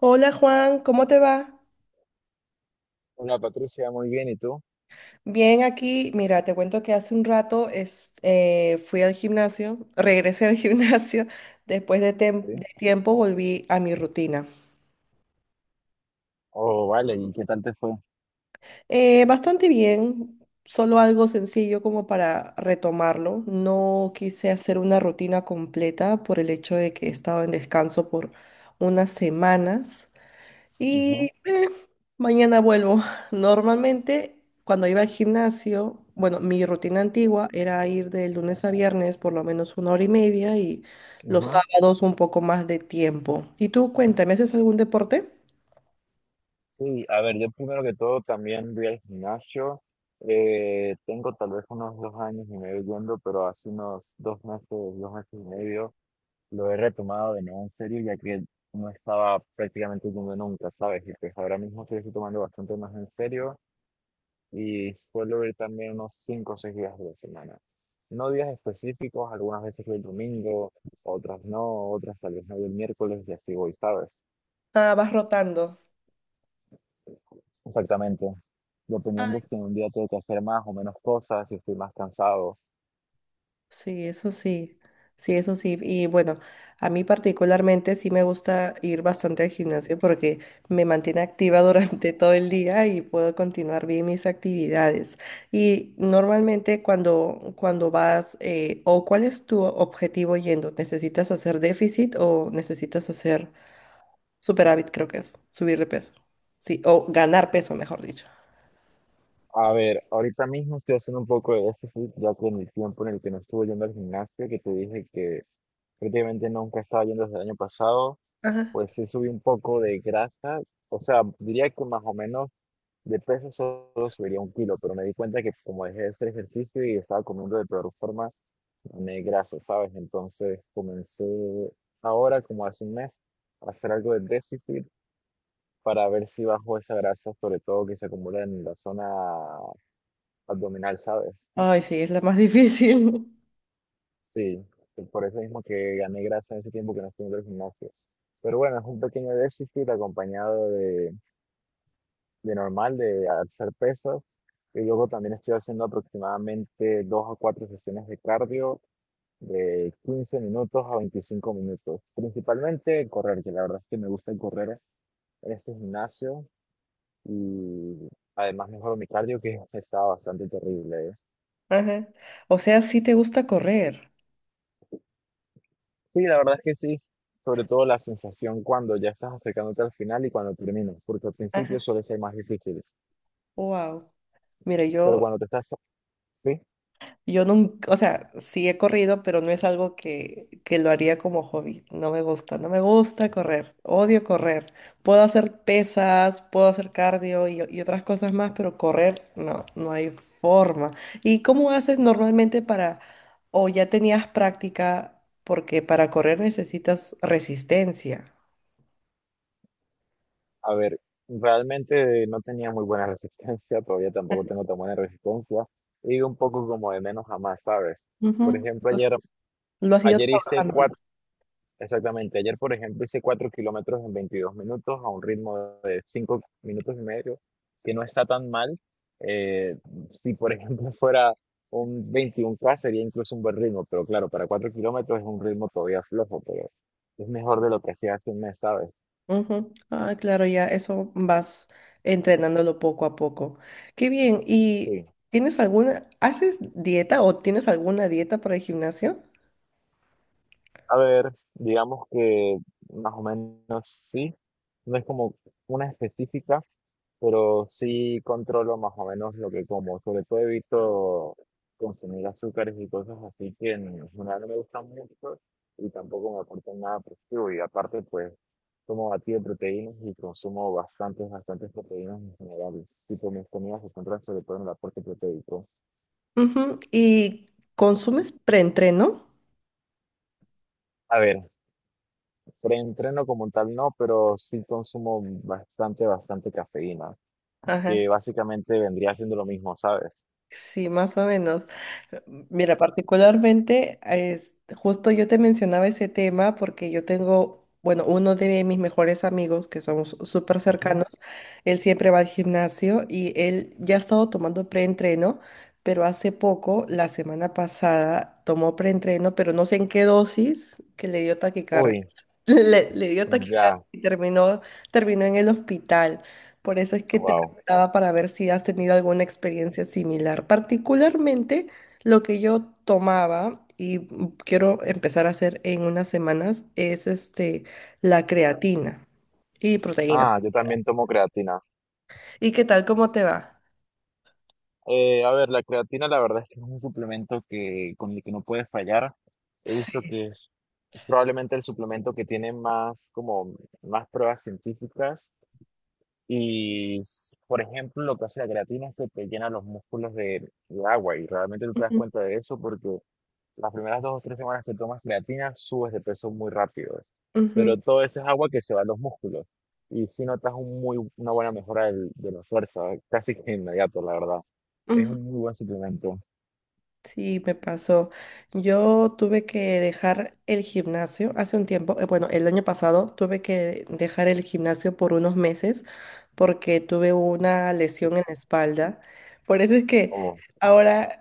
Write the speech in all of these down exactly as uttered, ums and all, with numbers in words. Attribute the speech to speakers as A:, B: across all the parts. A: Hola Juan, ¿cómo te va?
B: Hola Patricia, muy bien, ¿y tú?
A: Bien, aquí, mira, te cuento que hace un rato es- eh, fui al gimnasio, regresé al gimnasio, después de, tem-
B: Sí.
A: de tiempo volví a mi rutina.
B: Oh, vale, ¿y qué tal te fue?
A: Eh, bastante bien, solo algo sencillo como para retomarlo. No quise hacer una rutina completa por el hecho de que he estado en descanso por unas semanas. Y
B: Ujú,
A: eh, mañana vuelvo. Normalmente, cuando iba al gimnasio, bueno, mi rutina antigua era ir de lunes a viernes por lo menos una hora y media y los
B: ujú.
A: sábados un poco más de tiempo. Y tú, cuéntame, ¿haces algún deporte?
B: Sí, a ver, yo primero que todo también voy al gimnasio. Eh, tengo tal vez unos dos años y medio yendo, pero hace unos dos meses, dos meses y medio, lo he retomado de nuevo en serio, ya que no estaba prácticamente yendo nunca, ¿sabes? Y pues ahora mismo estoy tomando bastante más en serio. Y suelo ir también unos cinco o seis días de la semana. No días específicos, algunas veces voy el domingo, otras no, otras tal vez no voy el miércoles y así voy, ¿sabes?
A: Ah, vas rotando.
B: Exactamente, dependiendo si en un día tengo que hacer más o menos cosas, si estoy más cansado.
A: Sí, eso sí, sí, eso sí. Y bueno, a mí particularmente sí me gusta ir bastante al gimnasio porque me mantiene activa durante todo el día y puedo continuar bien mis actividades. Y normalmente cuando, cuando vas, eh, o cuál es tu objetivo yendo, ¿necesitas hacer déficit o necesitas hacer superávit, creo que es, subir de peso? Sí, o ganar peso, mejor dicho.
B: A ver, ahorita mismo estoy haciendo un poco de déficit, ya que en el tiempo en el que no estuve yendo al gimnasio, que te dije que prácticamente nunca estaba yendo desde el año pasado,
A: Ajá.
B: pues sí subí un poco de grasa, o sea, diría que más o menos de peso solo subiría un kilo, pero me di cuenta que como dejé de hacer ejercicio y estaba comiendo de peor forma, me grasa, ¿sabes? Entonces comencé ahora, como hace un mes, a hacer algo de déficit para ver si bajo esa grasa, sobre todo que se acumula en la zona abdominal, ¿sabes?
A: Ay, sí, es la más difícil.
B: Sí, y por eso mismo que gané grasa en ese tiempo que no estuve en el gimnasio. Pero bueno, es un pequeño déficit acompañado de de normal, de hacer pesas. Y luego también estoy haciendo aproximadamente dos a cuatro sesiones de cardio de quince minutos a veinticinco minutos. Principalmente correr, que la verdad es que me gusta correr en este gimnasio y además mejoro mi cardio que estaba bastante terrible. ¿Eh?
A: Ajá. O sea, sí te gusta correr.
B: Sí, la verdad es que sí. Sobre todo la sensación cuando ya estás acercándote al final y cuando terminas, porque al principio suele ser más difícil.
A: Wow. Mira,
B: Pero
A: yo,
B: cuando te estás... Sí,
A: yo nunca, o sea, sí he corrido, pero no es algo que, que lo haría como hobby. No me gusta, no me gusta correr. Odio correr. Puedo hacer pesas, puedo hacer cardio y, y otras cosas más, pero correr, no, no hay forma. ¿Y cómo haces normalmente para, o ya tenías práctica, porque para correr necesitas resistencia?
B: a ver, realmente no tenía muy buena resistencia, todavía tampoco tengo tan buena resistencia, y un poco como de menos a más, ¿sabes? Por
A: Ujú.
B: ejemplo, ayer,
A: Lo has ido
B: ayer hice
A: trabajando.
B: cuatro, exactamente, ayer por ejemplo hice cuatro kilómetros en veintidós minutos a un ritmo de cinco minutos y medio, que no está tan mal. Eh, si por ejemplo fuera un veintiún K sería incluso un buen ritmo, pero claro, para cuatro kilómetros es un ritmo todavía flojo, pero es mejor de lo que hacía hace un mes, ¿sabes?
A: Ujú. Ah, claro, ya eso vas entrenándolo poco a poco. Qué bien. ¿Y
B: Sí.
A: tienes alguna, haces dieta o tienes alguna dieta para el gimnasio?
B: A ver, digamos que más o menos sí, no es como una específica, pero sí controlo más o menos lo que como. Sobre todo evito consumir azúcares y cosas así que en general no me gustan mucho y tampoco me aportan nada positivo. Y aparte, pues, tomo batido de proteínas y consumo bastantes, bastantes proteínas en general. Tipo, mis comidas se centran sobre todo en el aporte proteico.
A: Ujú. ¿Y consumes preentreno?
B: A ver, preentreno como tal no, pero sí consumo bastante, bastante cafeína, que
A: Ajá.
B: básicamente vendría siendo lo mismo, ¿sabes?
A: Sí, más o menos. Mira,
B: S-
A: particularmente, es, justo yo te mencionaba ese tema porque yo tengo, bueno, uno de mis mejores amigos que somos súper
B: Ujú.
A: cercanos, él siempre va al gimnasio y él ya ha estado tomando preentreno, pero hace poco, la semana pasada, tomó preentreno, pero no sé en qué dosis, que le dio taquicardia.
B: Uy,
A: Le, le dio taquicardia
B: ya,
A: y terminó, terminó en el hospital. Por eso es que te
B: wow.
A: preguntaba para ver si has tenido alguna experiencia similar. Particularmente lo que yo tomaba y quiero empezar a hacer en unas semanas es este, la creatina y proteínas.
B: Ah, yo también tomo creatina.
A: ¿Y qué tal? ¿Cómo te va?
B: Eh, a ver, la creatina la verdad es que es un suplemento que, con el que no puedes fallar. He visto
A: Sí.
B: que es probablemente el suplemento que tiene más, como, más pruebas científicas. Y, s- por ejemplo, lo que hace la creatina es que te llena los músculos de, de agua y realmente no te das
A: Ujú,
B: cuenta de eso porque las primeras dos o tres semanas que tomas creatina subes de peso muy rápido,
A: ujú,
B: pero todo ese es agua que se va a los músculos y sí notas un muy, una buena mejora del- de la fuerza, casi que inmediato, la verdad. Es
A: ujú.
B: un muy buen suplemento.
A: Sí, me pasó. Yo tuve que dejar el gimnasio hace un tiempo, eh, bueno, el año pasado tuve que dejar el gimnasio por unos meses porque tuve una lesión en la espalda. Por eso es que
B: Oh,
A: ahora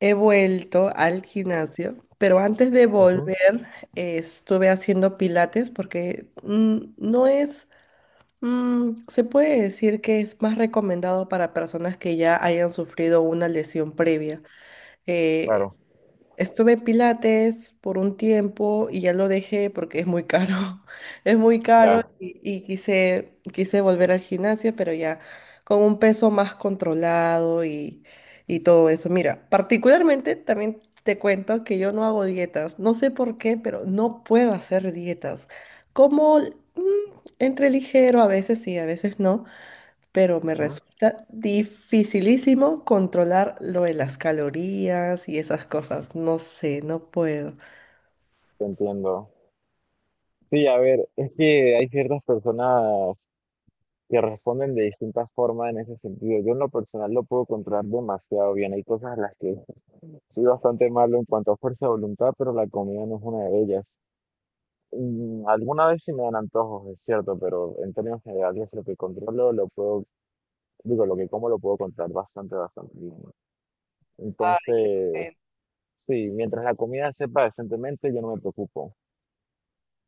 A: he vuelto al gimnasio, pero antes de
B: ujú,
A: volver eh, estuve haciendo pilates porque mm, no es... Mm, se puede decir que es más recomendado para personas que ya hayan sufrido una lesión previa. Eh,
B: claro,
A: Estuve en Pilates por un tiempo y ya lo dejé porque es muy caro. Es muy caro
B: ya,
A: y, y quise, quise volver al gimnasio, pero ya con un peso más controlado y, y todo eso. Mira, particularmente también te cuento que yo no hago dietas. No sé por qué, pero no puedo hacer dietas. Como mm, entre ligero a veces sí, a veces no, pero me
B: ujú,
A: resulta dificilísimo controlar lo de las calorías y esas cosas. No sé, no puedo.
B: te entiendo. Sí, a ver, es que hay ciertas personas que responden de distintas formas en ese sentido. Yo en lo personal lo puedo controlar demasiado bien. Hay cosas en las que soy bastante malo en cuanto a fuerza de voluntad, pero la comida no es una de ellas. Mm, Alguna vez sí me dan antojos, es cierto, pero en términos generales lo que controlo lo puedo, digo, lo que como lo puedo controlar bastante, bastante bien. Entonces,
A: Ay,
B: sí, mientras la comida sepa decentemente, yo no me preocupo.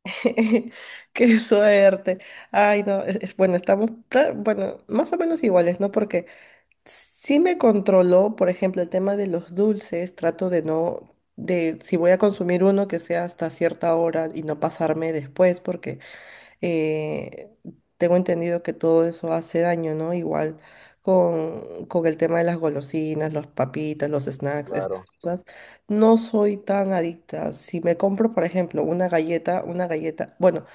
A: qué suerte. Ay, no, es, es- bueno, estamos, pra- bueno, más o menos iguales, ¿no? Porque sí me controló, por ejemplo, el tema de los dulces, trato de no, de si voy a consumir uno que sea hasta cierta hora y no pasarme después, porque eh, tengo entendido que todo eso hace daño, ¿no? Igual con, con el tema de las golosinas, las papitas, los snacks, esas
B: Claro,
A: cosas. No soy tan adicta. Si me compro, por ejemplo, una galleta, una galleta, bueno,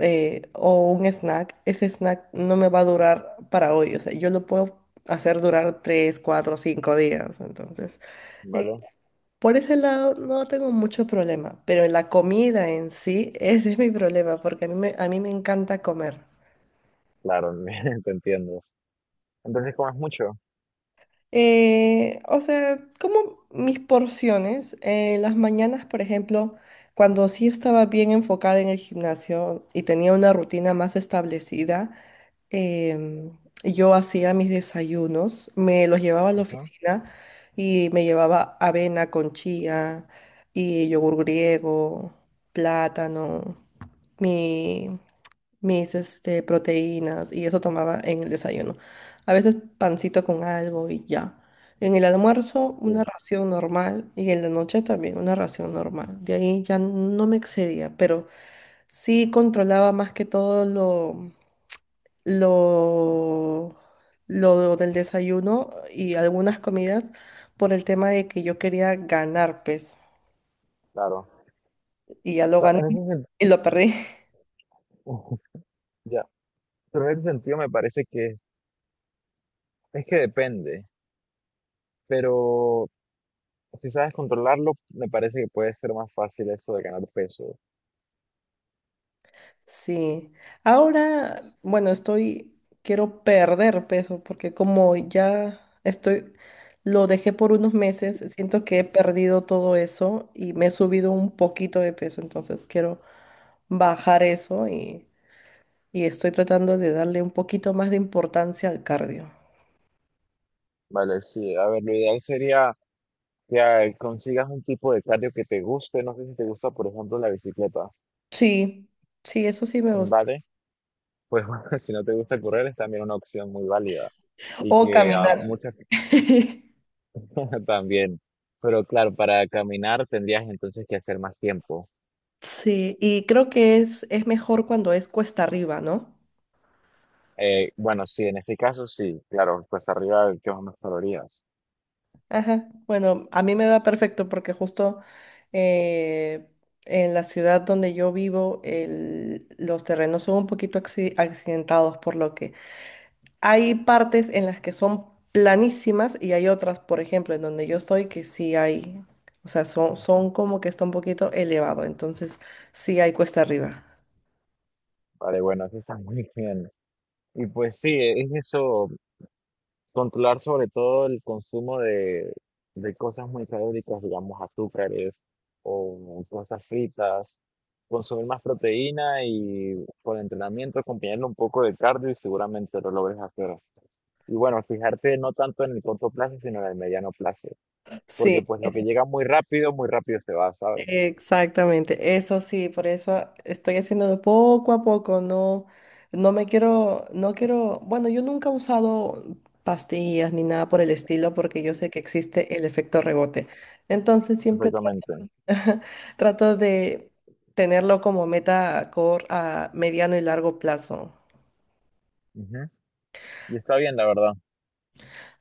A: eh, o un snack, ese snack no me va a durar para hoy. O sea, yo lo puedo hacer durar tres, cuatro, cinco días. Entonces,
B: ¿vale?
A: por ese lado no tengo mucho problema, pero en la comida en sí, ese es mi problema, porque a mí me, a mí me encanta comer.
B: Claro, te entiendo. Entonces comes mucho.
A: Eh, o sea, como mis porciones, eh, las mañanas, por ejemplo, cuando sí estaba bien enfocada en el gimnasio y tenía una rutina más establecida, em, yo hacía mis desayunos, me los llevaba a la
B: Ajá,
A: oficina y me llevaba avena con chía y yogur griego, plátano, mi- mis este, proteínas y eso tomaba en el desayuno. A veces pancito con algo y ya. En el almuerzo una
B: sí,
A: ración normal y en la noche también una ración normal. De ahí ya no me excedía, pero sí controlaba más que todo lo, lo del desayuno y algunas comidas por el tema de que yo quería ganar peso
B: claro.
A: y ya lo
B: Cla-
A: gané
B: En ese
A: y lo perdí.
B: sentido, pero en ese sentido me parece que es que depende, pero si sabes controlarlo, me parece que puede ser más fácil eso de ganar peso.
A: Sí, ahora, bueno, estoy, quiero perder peso porque como ya estoy, lo dejé por unos meses, siento que he perdido todo eso y me he subido un poquito de peso, entonces quiero bajar eso y, y estoy tratando de darle un poquito más de importancia al cardio.
B: Vale, sí, a ver, lo ideal sería que ah, consigas un tipo de cardio que te guste, no sé si te gusta, por ejemplo, la bicicleta,
A: Sí, sí, eso sí me gusta.
B: ¿vale? Pues bueno, si no te gusta correr es también una opción muy válida y
A: O
B: que a
A: caminar.
B: muchas personas también, pero claro, para caminar tendrías entonces que hacer más tiempo.
A: Sí, y creo que es, es mejor cuando es cuesta arriba, ¿no?
B: Eh, bueno, sí, en ese caso sí, claro, pues arriba de quemas más calorías.
A: Ajá. Bueno, a mí me va perfecto porque justo eh, en la ciudad donde yo vivo, el- los terrenos son un poquito acci- accidentados, por lo que hay partes en las que son planísimas y hay otras, por ejemplo, en donde yo estoy, que sí hay, o sea, son, son como que está un poquito elevado, entonces sí hay cuesta arriba.
B: Vale, bueno, eso está muy bien. Y pues sí, es eso, controlar sobre todo el consumo de, de cosas muy calóricas, digamos azúcares o cosas fritas, consumir más proteína y por entrenamiento acompañarlo un poco de cardio y seguramente lo logres hacer. Y bueno, fijarte no tanto en el corto plazo, sino en el mediano plazo,
A: Sí,
B: porque pues lo
A: es-
B: que llega muy rápido, muy rápido se va, ¿sabes?
A: Exactamente. Eso sí, por eso estoy haciéndolo poco a poco. No, no me quiero, no quiero. Bueno, yo nunca he usado pastillas ni nada por el estilo, porque yo sé que existe el efecto rebote. Entonces siempre
B: Perfectamente.
A: tra- trato de tenerlo como meta a cor- a mediano y largo plazo.
B: Ujú. Y está bien, la verdad.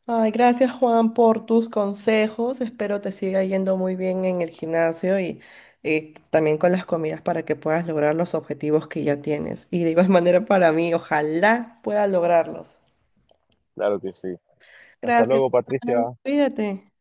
A: Ay, gracias Juan por tus consejos. Espero te siga yendo muy bien en el gimnasio y, y también con las comidas para que puedas lograr los objetivos que ya tienes. Y de igual manera para mí, ojalá pueda lograrlos.
B: Claro que sí. Hasta
A: Gracias,
B: luego, Patricia.
A: Juan. Cuídate.